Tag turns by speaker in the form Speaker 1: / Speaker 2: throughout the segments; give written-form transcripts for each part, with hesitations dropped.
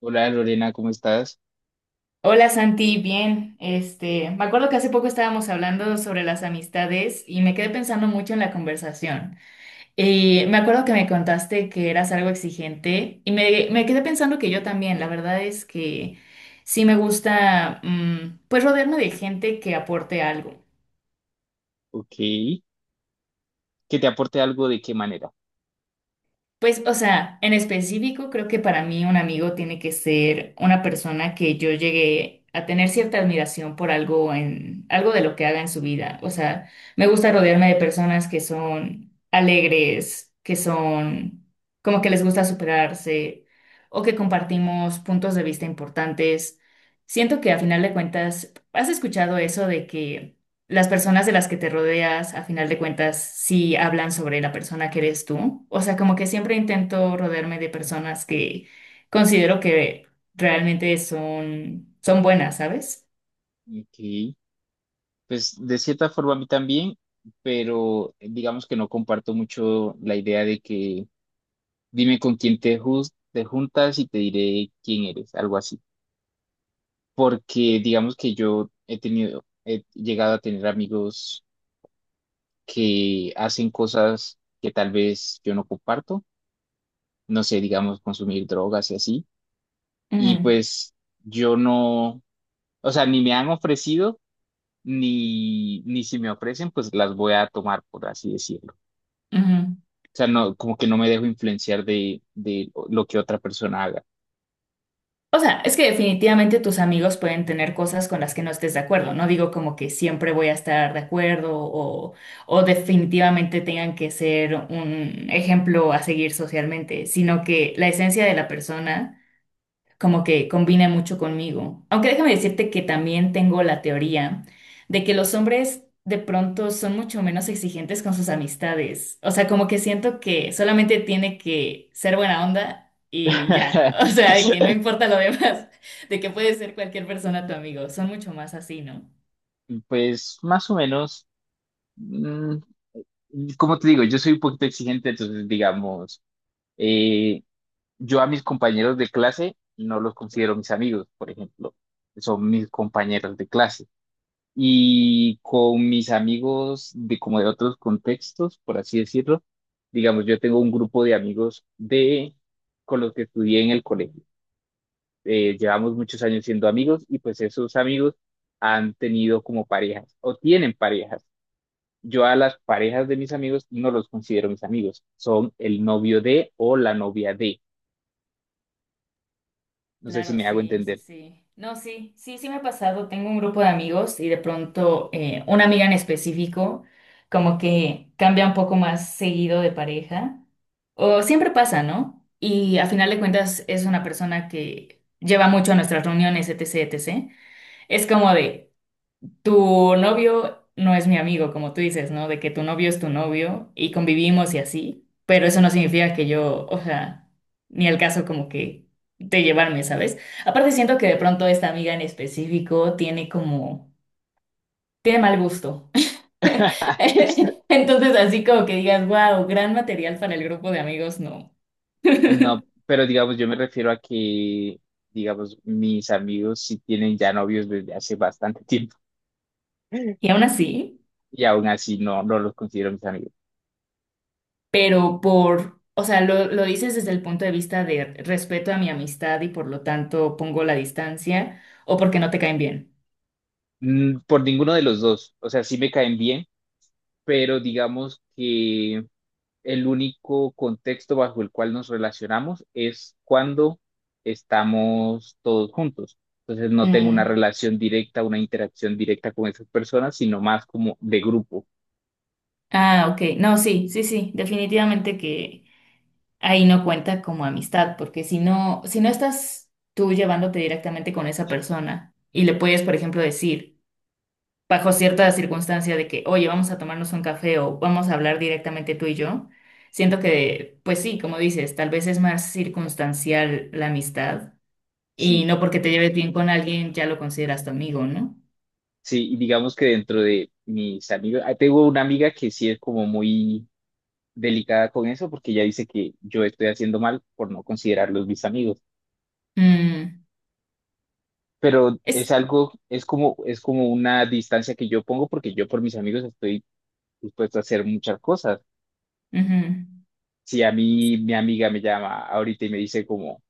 Speaker 1: Hola Lorena, ¿cómo estás?
Speaker 2: Hola Santi, bien. Me acuerdo que hace poco estábamos hablando sobre las amistades y me quedé pensando mucho en la conversación. Y me acuerdo que me contaste que eras algo exigente y me quedé pensando que yo también. La verdad es que sí me gusta, pues rodearme de gente que aporte algo.
Speaker 1: Ok. ¿Que te aporte algo de qué manera?
Speaker 2: Pues, o sea, en específico, creo que para mí un amigo tiene que ser una persona que yo llegué a tener cierta admiración por algo en algo de lo que haga en su vida. O sea, me gusta rodearme de personas que son alegres, que son como que les gusta superarse o que compartimos puntos de vista importantes. Siento que a final de cuentas, ¿has escuchado eso de que las personas de las que te rodeas, a final de cuentas, sí hablan sobre la persona que eres tú? O sea, como que siempre intento rodearme de personas que considero que realmente son buenas, ¿sabes?
Speaker 1: Ok. Pues de cierta forma a mí también, pero digamos que no comparto mucho la idea de que dime con quién te juntas y te diré quién eres, algo así. Porque digamos que he llegado a tener amigos que hacen cosas que tal vez yo no comparto, no sé, digamos consumir drogas y así. Y
Speaker 2: Ujú,
Speaker 1: pues yo no, o sea, ni me han ofrecido ni si me ofrecen, pues las voy a tomar, por así decirlo.
Speaker 2: ujú.
Speaker 1: O sea, no, como que no me dejo influenciar de lo que otra persona haga.
Speaker 2: O sea, es que definitivamente tus amigos pueden tener cosas con las que no estés de acuerdo. No digo como que siempre voy a estar de acuerdo o definitivamente tengan que ser un ejemplo a seguir socialmente, sino que la esencia de la persona como que combina mucho conmigo. Aunque déjame decirte que también tengo la teoría de que los hombres de pronto son mucho menos exigentes con sus amistades. O sea, como que siento que solamente tiene que ser buena onda y ya. O sea, de que no importa lo demás, de que puede ser cualquier persona tu amigo. Son mucho más así, ¿no?
Speaker 1: Pues más o menos, mm, como te digo, yo soy un poquito exigente, entonces digamos, eh, yo a mis compañeros de clase no los considero mis amigos, por ejemplo, son mis compañeros de clase. Y con mis amigos de como de otros contextos, por así decirlo, digamos, yo tengo un grupo de amigos de con los que estudié en el colegio. Llevamos muchos años siendo amigos y pues esos amigos han tenido como parejas o tienen parejas. Yo a las parejas de mis amigos no los considero mis amigos, son el novio de o la novia de. No sé si
Speaker 2: Claro,
Speaker 1: me hago
Speaker 2: sí, sí,
Speaker 1: entender.
Speaker 2: sí. No, sí, sí, sí me ha pasado. Tengo un grupo de amigos y de pronto una amiga en específico como que cambia un poco más seguido de pareja. O siempre pasa, ¿no? Y a final de cuentas es una persona que lleva mucho a nuestras reuniones, etcétera, etcétera. Es como de, tu novio no es mi amigo, como tú dices, ¿no? De que tu novio es tu novio y convivimos y así, pero eso no significa que yo, o sea, ni al caso como que de llevarme, ¿sabes? Aparte siento que de pronto esta amiga en específico tiene mal gusto. Entonces así como que digas, wow, gran material para el grupo de amigos, no.
Speaker 1: No, pero digamos, yo me refiero a que, digamos, mis amigos sí tienen ya novios desde hace bastante tiempo
Speaker 2: Y aún así.
Speaker 1: y aún así no, no los considero mis amigos.
Speaker 2: Pero o sea, lo dices desde el punto de vista de respeto a mi amistad y por lo tanto pongo la distancia o porque no te caen bien.
Speaker 1: Mm, por ninguno de los dos, o sea, sí me caen bien, pero digamos que el único contexto bajo el cual nos relacionamos es cuando estamos todos juntos. Entonces no tengo una
Speaker 2: Mm,
Speaker 1: relación directa, una interacción directa con esas personas, sino más como de grupo.
Speaker 2: ah, ok. No, sí, sí, sí, definitivamente que ahí no cuenta como amistad, porque si no estás tú llevándote directamente con esa persona y le puedes, por ejemplo, decir, bajo cierta circunstancia de que, oye, vamos a tomarnos un café o vamos a hablar directamente tú y yo. Siento que, pues sí, como dices, tal vez es más circunstancial la amistad. Y
Speaker 1: Sí.
Speaker 2: no porque te lleves bien con alguien ya lo consideras tu amigo, ¿no?
Speaker 1: Sí, y digamos que dentro de mis amigos, ah, tengo una amiga que sí es como muy delicada con eso porque ella dice que yo estoy haciendo mal por no considerarlos mis amigos,
Speaker 2: Mm,
Speaker 1: pero es
Speaker 2: es,
Speaker 1: algo, es como una distancia que yo pongo porque yo por mis amigos estoy dispuesto a hacer muchas cosas.
Speaker 2: ujú.
Speaker 1: Si a mí mi amiga me llama ahorita y me dice como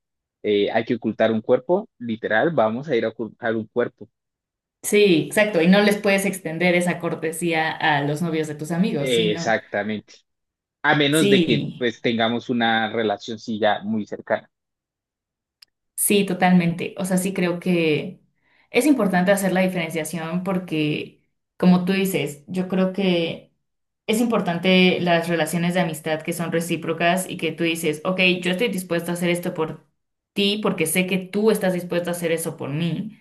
Speaker 1: hay que ocultar un cuerpo, literal, vamos a ir a ocultar un cuerpo.
Speaker 2: Sí, exacto. Y no les puedes extender esa cortesía a los novios de tus amigos, ¿sí? ¿No?
Speaker 1: Exactamente. A menos de que
Speaker 2: Sí,
Speaker 1: pues tengamos una relación sí ya muy cercana.
Speaker 2: sí, totalmente. O sea, sí creo que es importante hacer la diferenciación porque, como tú dices, yo creo que es importante las relaciones de amistad que son recíprocas y que tú dices, ok, yo estoy dispuesto a hacer esto por ti porque sé que tú estás dispuesto a hacer eso por mí.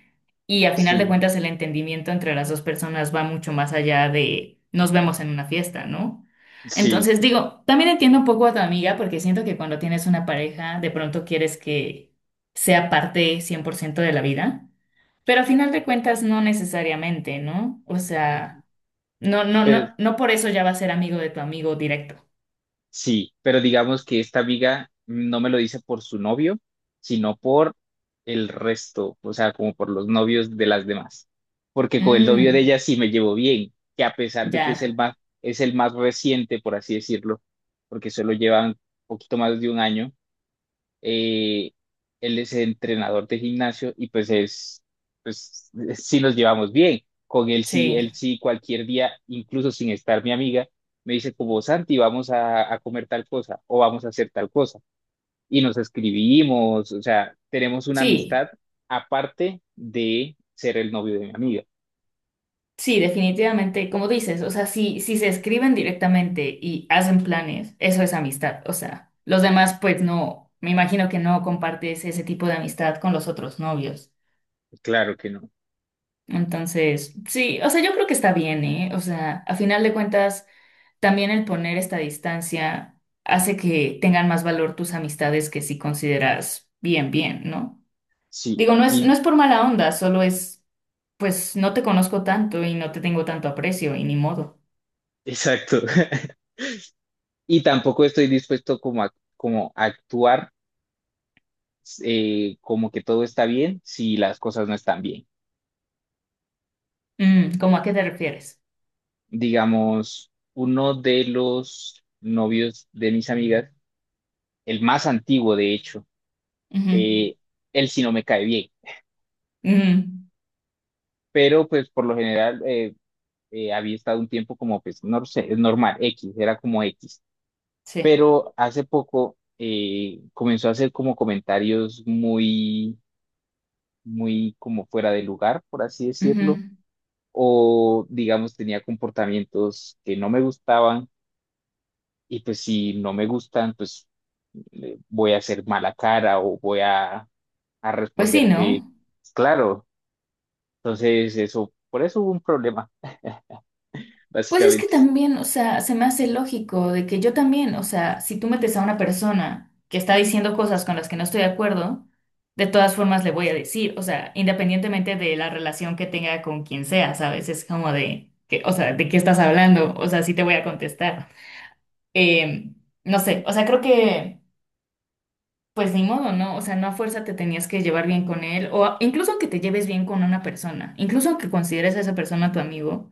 Speaker 2: Y a final de
Speaker 1: Sí.
Speaker 2: cuentas el entendimiento entre las dos personas va mucho más allá de nos vemos en una fiesta, ¿no?
Speaker 1: Sí,
Speaker 2: Entonces digo, también entiendo un poco a tu amiga porque siento que cuando tienes una pareja de pronto quieres que sea parte 100% de la vida, pero a final de cuentas no necesariamente, ¿no? O sea. No, no,
Speaker 1: pero,
Speaker 2: no, no por eso ya va a ser amigo de tu amigo directo.
Speaker 1: sí, pero digamos que esta amiga no me lo dice por su novio, sino por el resto, o sea, como por los novios de las demás. Porque con el novio de
Speaker 2: Mm,
Speaker 1: ella sí me llevo bien, que a pesar de que
Speaker 2: ya,
Speaker 1: es el más reciente, por así decirlo, porque solo llevan poquito más de un año. eh, Él es el entrenador de gimnasio y pues es, pues, sí nos llevamos bien. Con
Speaker 2: sí,
Speaker 1: él sí cualquier día, incluso sin estar mi amiga, me dice como Santi, a comer tal cosa o vamos a hacer tal cosa. Y nos escribimos, o sea, tenemos una
Speaker 2: sí,
Speaker 1: amistad aparte de ser el novio de mi amiga.
Speaker 2: sí, definitivamente, como dices, o sea, si se escriben directamente y hacen planes, eso es amistad, o sea, los demás pues no, me imagino que no compartes ese tipo de amistad con los otros novios.
Speaker 1: Claro que no.
Speaker 2: Entonces, sí, o sea, yo creo que está bien, ¿eh? O sea, a final de cuentas, también el poner esta distancia hace que tengan más valor tus amistades que si consideras bien, bien, ¿no?
Speaker 1: Sí,
Speaker 2: Digo, no es, no
Speaker 1: y
Speaker 2: es por mala onda, solo es, pues no te conozco tanto y no te tengo tanto aprecio y ni modo.
Speaker 1: exacto. Y tampoco estoy dispuesto como como a actuar como que todo está bien si las cosas no están bien.
Speaker 2: ¿Cómo a qué te refieres?
Speaker 1: Digamos, uno de los novios de mis amigas, el más antiguo de hecho,
Speaker 2: Ujú.
Speaker 1: eh, él sí no me cae bien,
Speaker 2: Mm,
Speaker 1: pero pues por lo general había estado un tiempo como pues no sé, es normal, X, era como X,
Speaker 2: sí.
Speaker 1: pero hace poco comenzó a hacer como comentarios muy, muy como fuera de lugar, por así
Speaker 2: Ujú.
Speaker 1: decirlo. O digamos tenía comportamientos que no me gustaban. Y pues si no me gustan, pues voy a hacer mala cara o a
Speaker 2: Pues sí,
Speaker 1: responderte,
Speaker 2: ¿no?
Speaker 1: pues, claro. Entonces, eso, por eso hubo un problema,
Speaker 2: Pues es que
Speaker 1: básicamente.
Speaker 2: también, o sea, se me hace lógico de que yo también, o sea, si tú metes a una persona que está diciendo cosas con las que no estoy de acuerdo, de todas formas le voy a decir, o sea, independientemente de la relación que tenga con quien sea, ¿sabes? Es como de, que, o sea, ¿de qué estás hablando? O sea, sí te voy a contestar. Eh, no sé, o sea, creo que, pues ni modo, ¿no? O sea, no a fuerza te tenías que llevar bien con él, incluso aunque te lleves bien con una persona, incluso aunque consideres a esa persona tu amigo,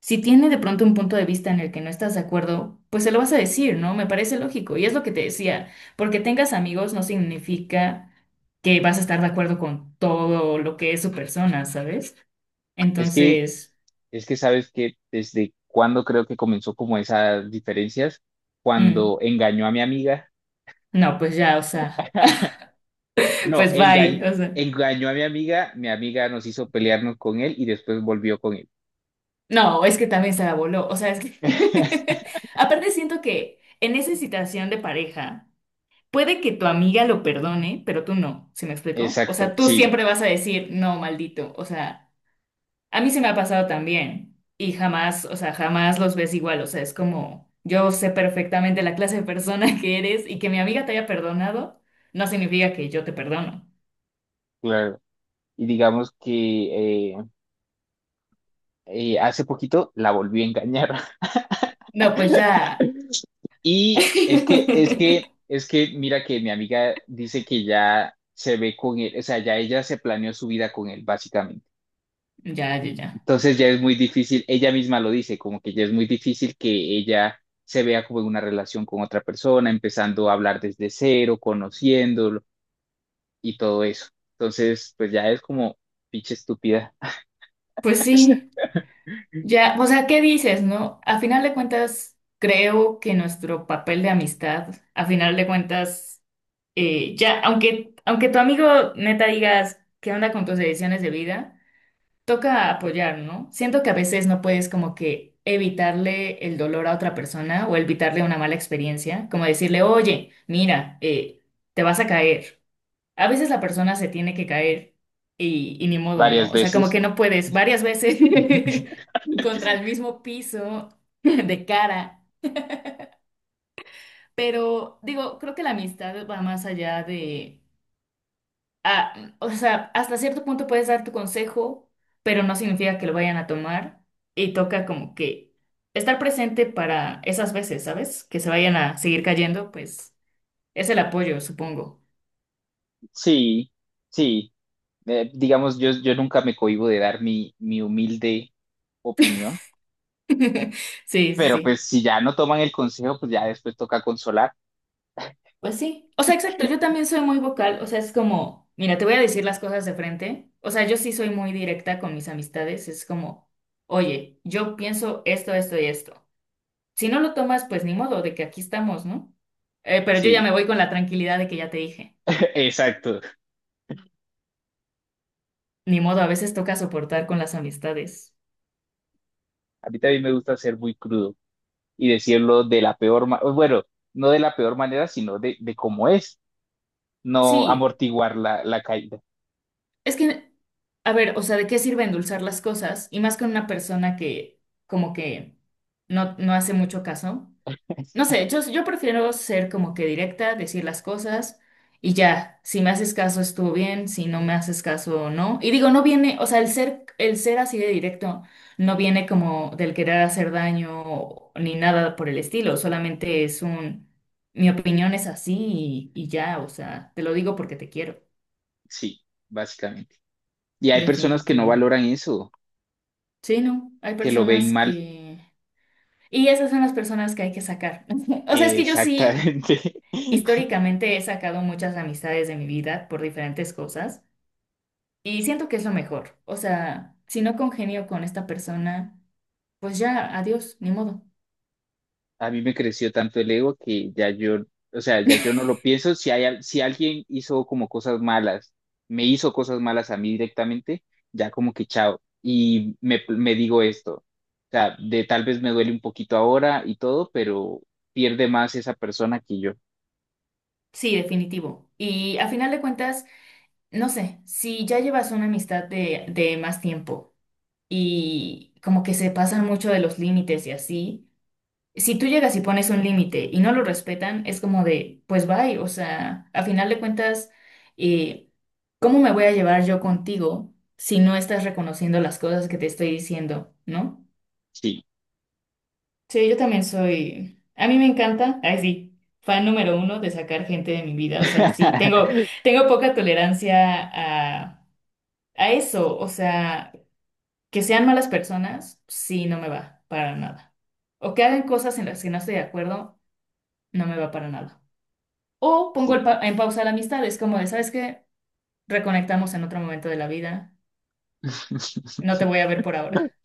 Speaker 2: si tiene de pronto un punto de vista en el que no estás de acuerdo, pues se lo vas a decir, ¿no? Me parece lógico, y es lo que te decía, porque tengas amigos no significa que vas a estar de acuerdo con todo lo que es su persona, ¿sabes?
Speaker 1: Es que,
Speaker 2: Entonces,
Speaker 1: es que sabes que desde cuando creo que comenzó como esas diferencias, cuando
Speaker 2: mm,
Speaker 1: engañó a mi amiga.
Speaker 2: no, pues ya, o sea,
Speaker 1: No,
Speaker 2: pues bye, o sea.
Speaker 1: engañó a mi amiga nos hizo pelearnos con él y después volvió con él.
Speaker 2: No, es que también se la voló. O sea, es que. Aparte, siento que en esa situación de pareja, puede que tu amiga lo perdone, pero tú no. ¿Se me explicó? O
Speaker 1: Exacto,
Speaker 2: sea, tú
Speaker 1: sí,
Speaker 2: siempre vas a decir, no, maldito. O sea, a mí se me ha pasado también. Y jamás, o sea, jamás los ves igual. O sea, es como, yo sé perfectamente la clase de persona que eres y que mi amiga te haya perdonado, no significa que yo te perdono.
Speaker 1: claro. Y digamos que hace poquito la volví a engañar.
Speaker 2: No, pues ya.
Speaker 1: Y es que, mira que mi amiga dice que ya se ve con él, o sea, ya ella se planeó su vida con él, básicamente.
Speaker 2: Ya, ya, ya.
Speaker 1: Entonces ya es muy difícil, ella misma lo dice, como que ya es muy difícil que ella se vea como en una relación con otra persona, empezando a hablar desde cero, conociéndolo y todo eso. Entonces, pues ya es como pinche estúpida
Speaker 2: Pues sí. Ya, o sea, ¿qué dices, no? A final de cuentas, creo que nuestro papel de amistad, a final de cuentas, ya, aunque tu amigo neta digas qué onda con tus decisiones de vida, toca apoyar, ¿no? Siento que a veces no puedes como que evitarle el dolor a otra persona o evitarle una mala experiencia, como decirle, oye, mira, te vas a caer, a veces la persona se tiene que caer y ni modo,
Speaker 1: varias
Speaker 2: ¿no? O sea, como
Speaker 1: veces.
Speaker 2: que no puedes varias veces contra el mismo piso de cara. Pero digo, creo que la amistad va más allá de, o sea, hasta cierto punto puedes dar tu consejo, pero no significa que lo vayan a tomar y toca como que estar presente para esas veces, ¿sabes? Que se vayan a seguir cayendo, pues es el apoyo, supongo.
Speaker 1: Sí, sí. Digamos, yo nunca me cohíbo de dar mi humilde opinión,
Speaker 2: Sí, sí.
Speaker 1: pero
Speaker 2: Sí.
Speaker 1: pues si ya no toman el consejo, pues ya después toca consolar.
Speaker 2: Pues sí, o sea, exacto, yo también soy muy vocal, o sea, es como, mira, te voy a decir las cosas de frente, o sea, yo sí soy muy directa con mis amistades, es como, oye, yo pienso esto, esto y esto. Si no lo tomas, pues ni modo, de que aquí estamos, ¿no? Pero yo ya
Speaker 1: Sí,
Speaker 2: me voy con la tranquilidad de que ya te dije.
Speaker 1: exacto.
Speaker 2: Ni modo, a veces toca soportar con las amistades.
Speaker 1: A mí también me gusta ser muy crudo y decirlo de la peor manera, bueno, no de la peor manera, sino de cómo es, no
Speaker 2: Sí,
Speaker 1: amortiguar la caída.
Speaker 2: es que, a ver, o sea, ¿de qué sirve endulzar las cosas? Y más con una persona que como que no, no hace mucho caso. No sé, yo prefiero ser como que directa, decir las cosas y ya, si me haces caso estuvo bien, si no me haces caso no. Y digo, no viene, o sea, el ser así de directo no viene como del querer hacer daño ni nada por el estilo, solamente mi opinión es así y ya, o sea, te lo digo porque te quiero,
Speaker 1: Sí, básicamente. Y hay personas que no
Speaker 2: definitivo.
Speaker 1: valoran eso,
Speaker 2: Sí, no, hay
Speaker 1: que lo ven
Speaker 2: personas
Speaker 1: mal.
Speaker 2: que. Y esas son las personas que hay que sacar. O sea, es que yo sí.
Speaker 1: Exactamente.
Speaker 2: Históricamente he sacado muchas amistades de mi vida por diferentes cosas y siento que es lo mejor. O sea, si no congenio con esta persona, pues ya, adiós, ni modo.
Speaker 1: A mí me creció tanto el ego que ya yo, o sea, ya yo no lo pienso. Si hay, al- si alguien hizo como cosas malas, me hizo cosas malas a mí directamente, ya como que chao. Y me digo esto, o sea, de tal vez me duele un poquito ahora y todo, pero pierde más esa persona que yo.
Speaker 2: Sí, definitivo. Y a final de cuentas, no sé, si ya llevas una amistad de más tiempo y como que se pasan mucho de los límites y así. Si tú llegas y pones un límite y no lo respetan, es como de, pues bye, o sea, a final de cuentas, eh, ¿cómo me voy a llevar yo contigo si no estás reconociendo las cosas que te estoy diciendo? ¿No?
Speaker 1: Sí.
Speaker 2: Sí, yo también soy, a mí me encanta, ay sí, fan número uno de sacar gente de mi vida, o sea, sí, tengo, tengo poca tolerancia a eso, o sea, que sean malas personas, sí, no me va para nada. O que hagan cosas en las que no estoy de acuerdo, no me va para nada. O pongo
Speaker 1: Sí.
Speaker 2: el en pausa la amistad, es como de, ¿sabes qué? Reconectamos en otro momento de la vida. No te voy a ver por ahora.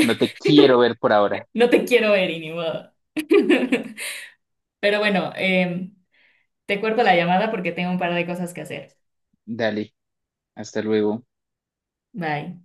Speaker 1: No te quiero ver por ahora.
Speaker 2: No te quiero ver, y ni modo. Pero bueno, te cuelgo la llamada porque tengo un par de cosas que hacer.
Speaker 1: Dale, hasta luego.
Speaker 2: Bye.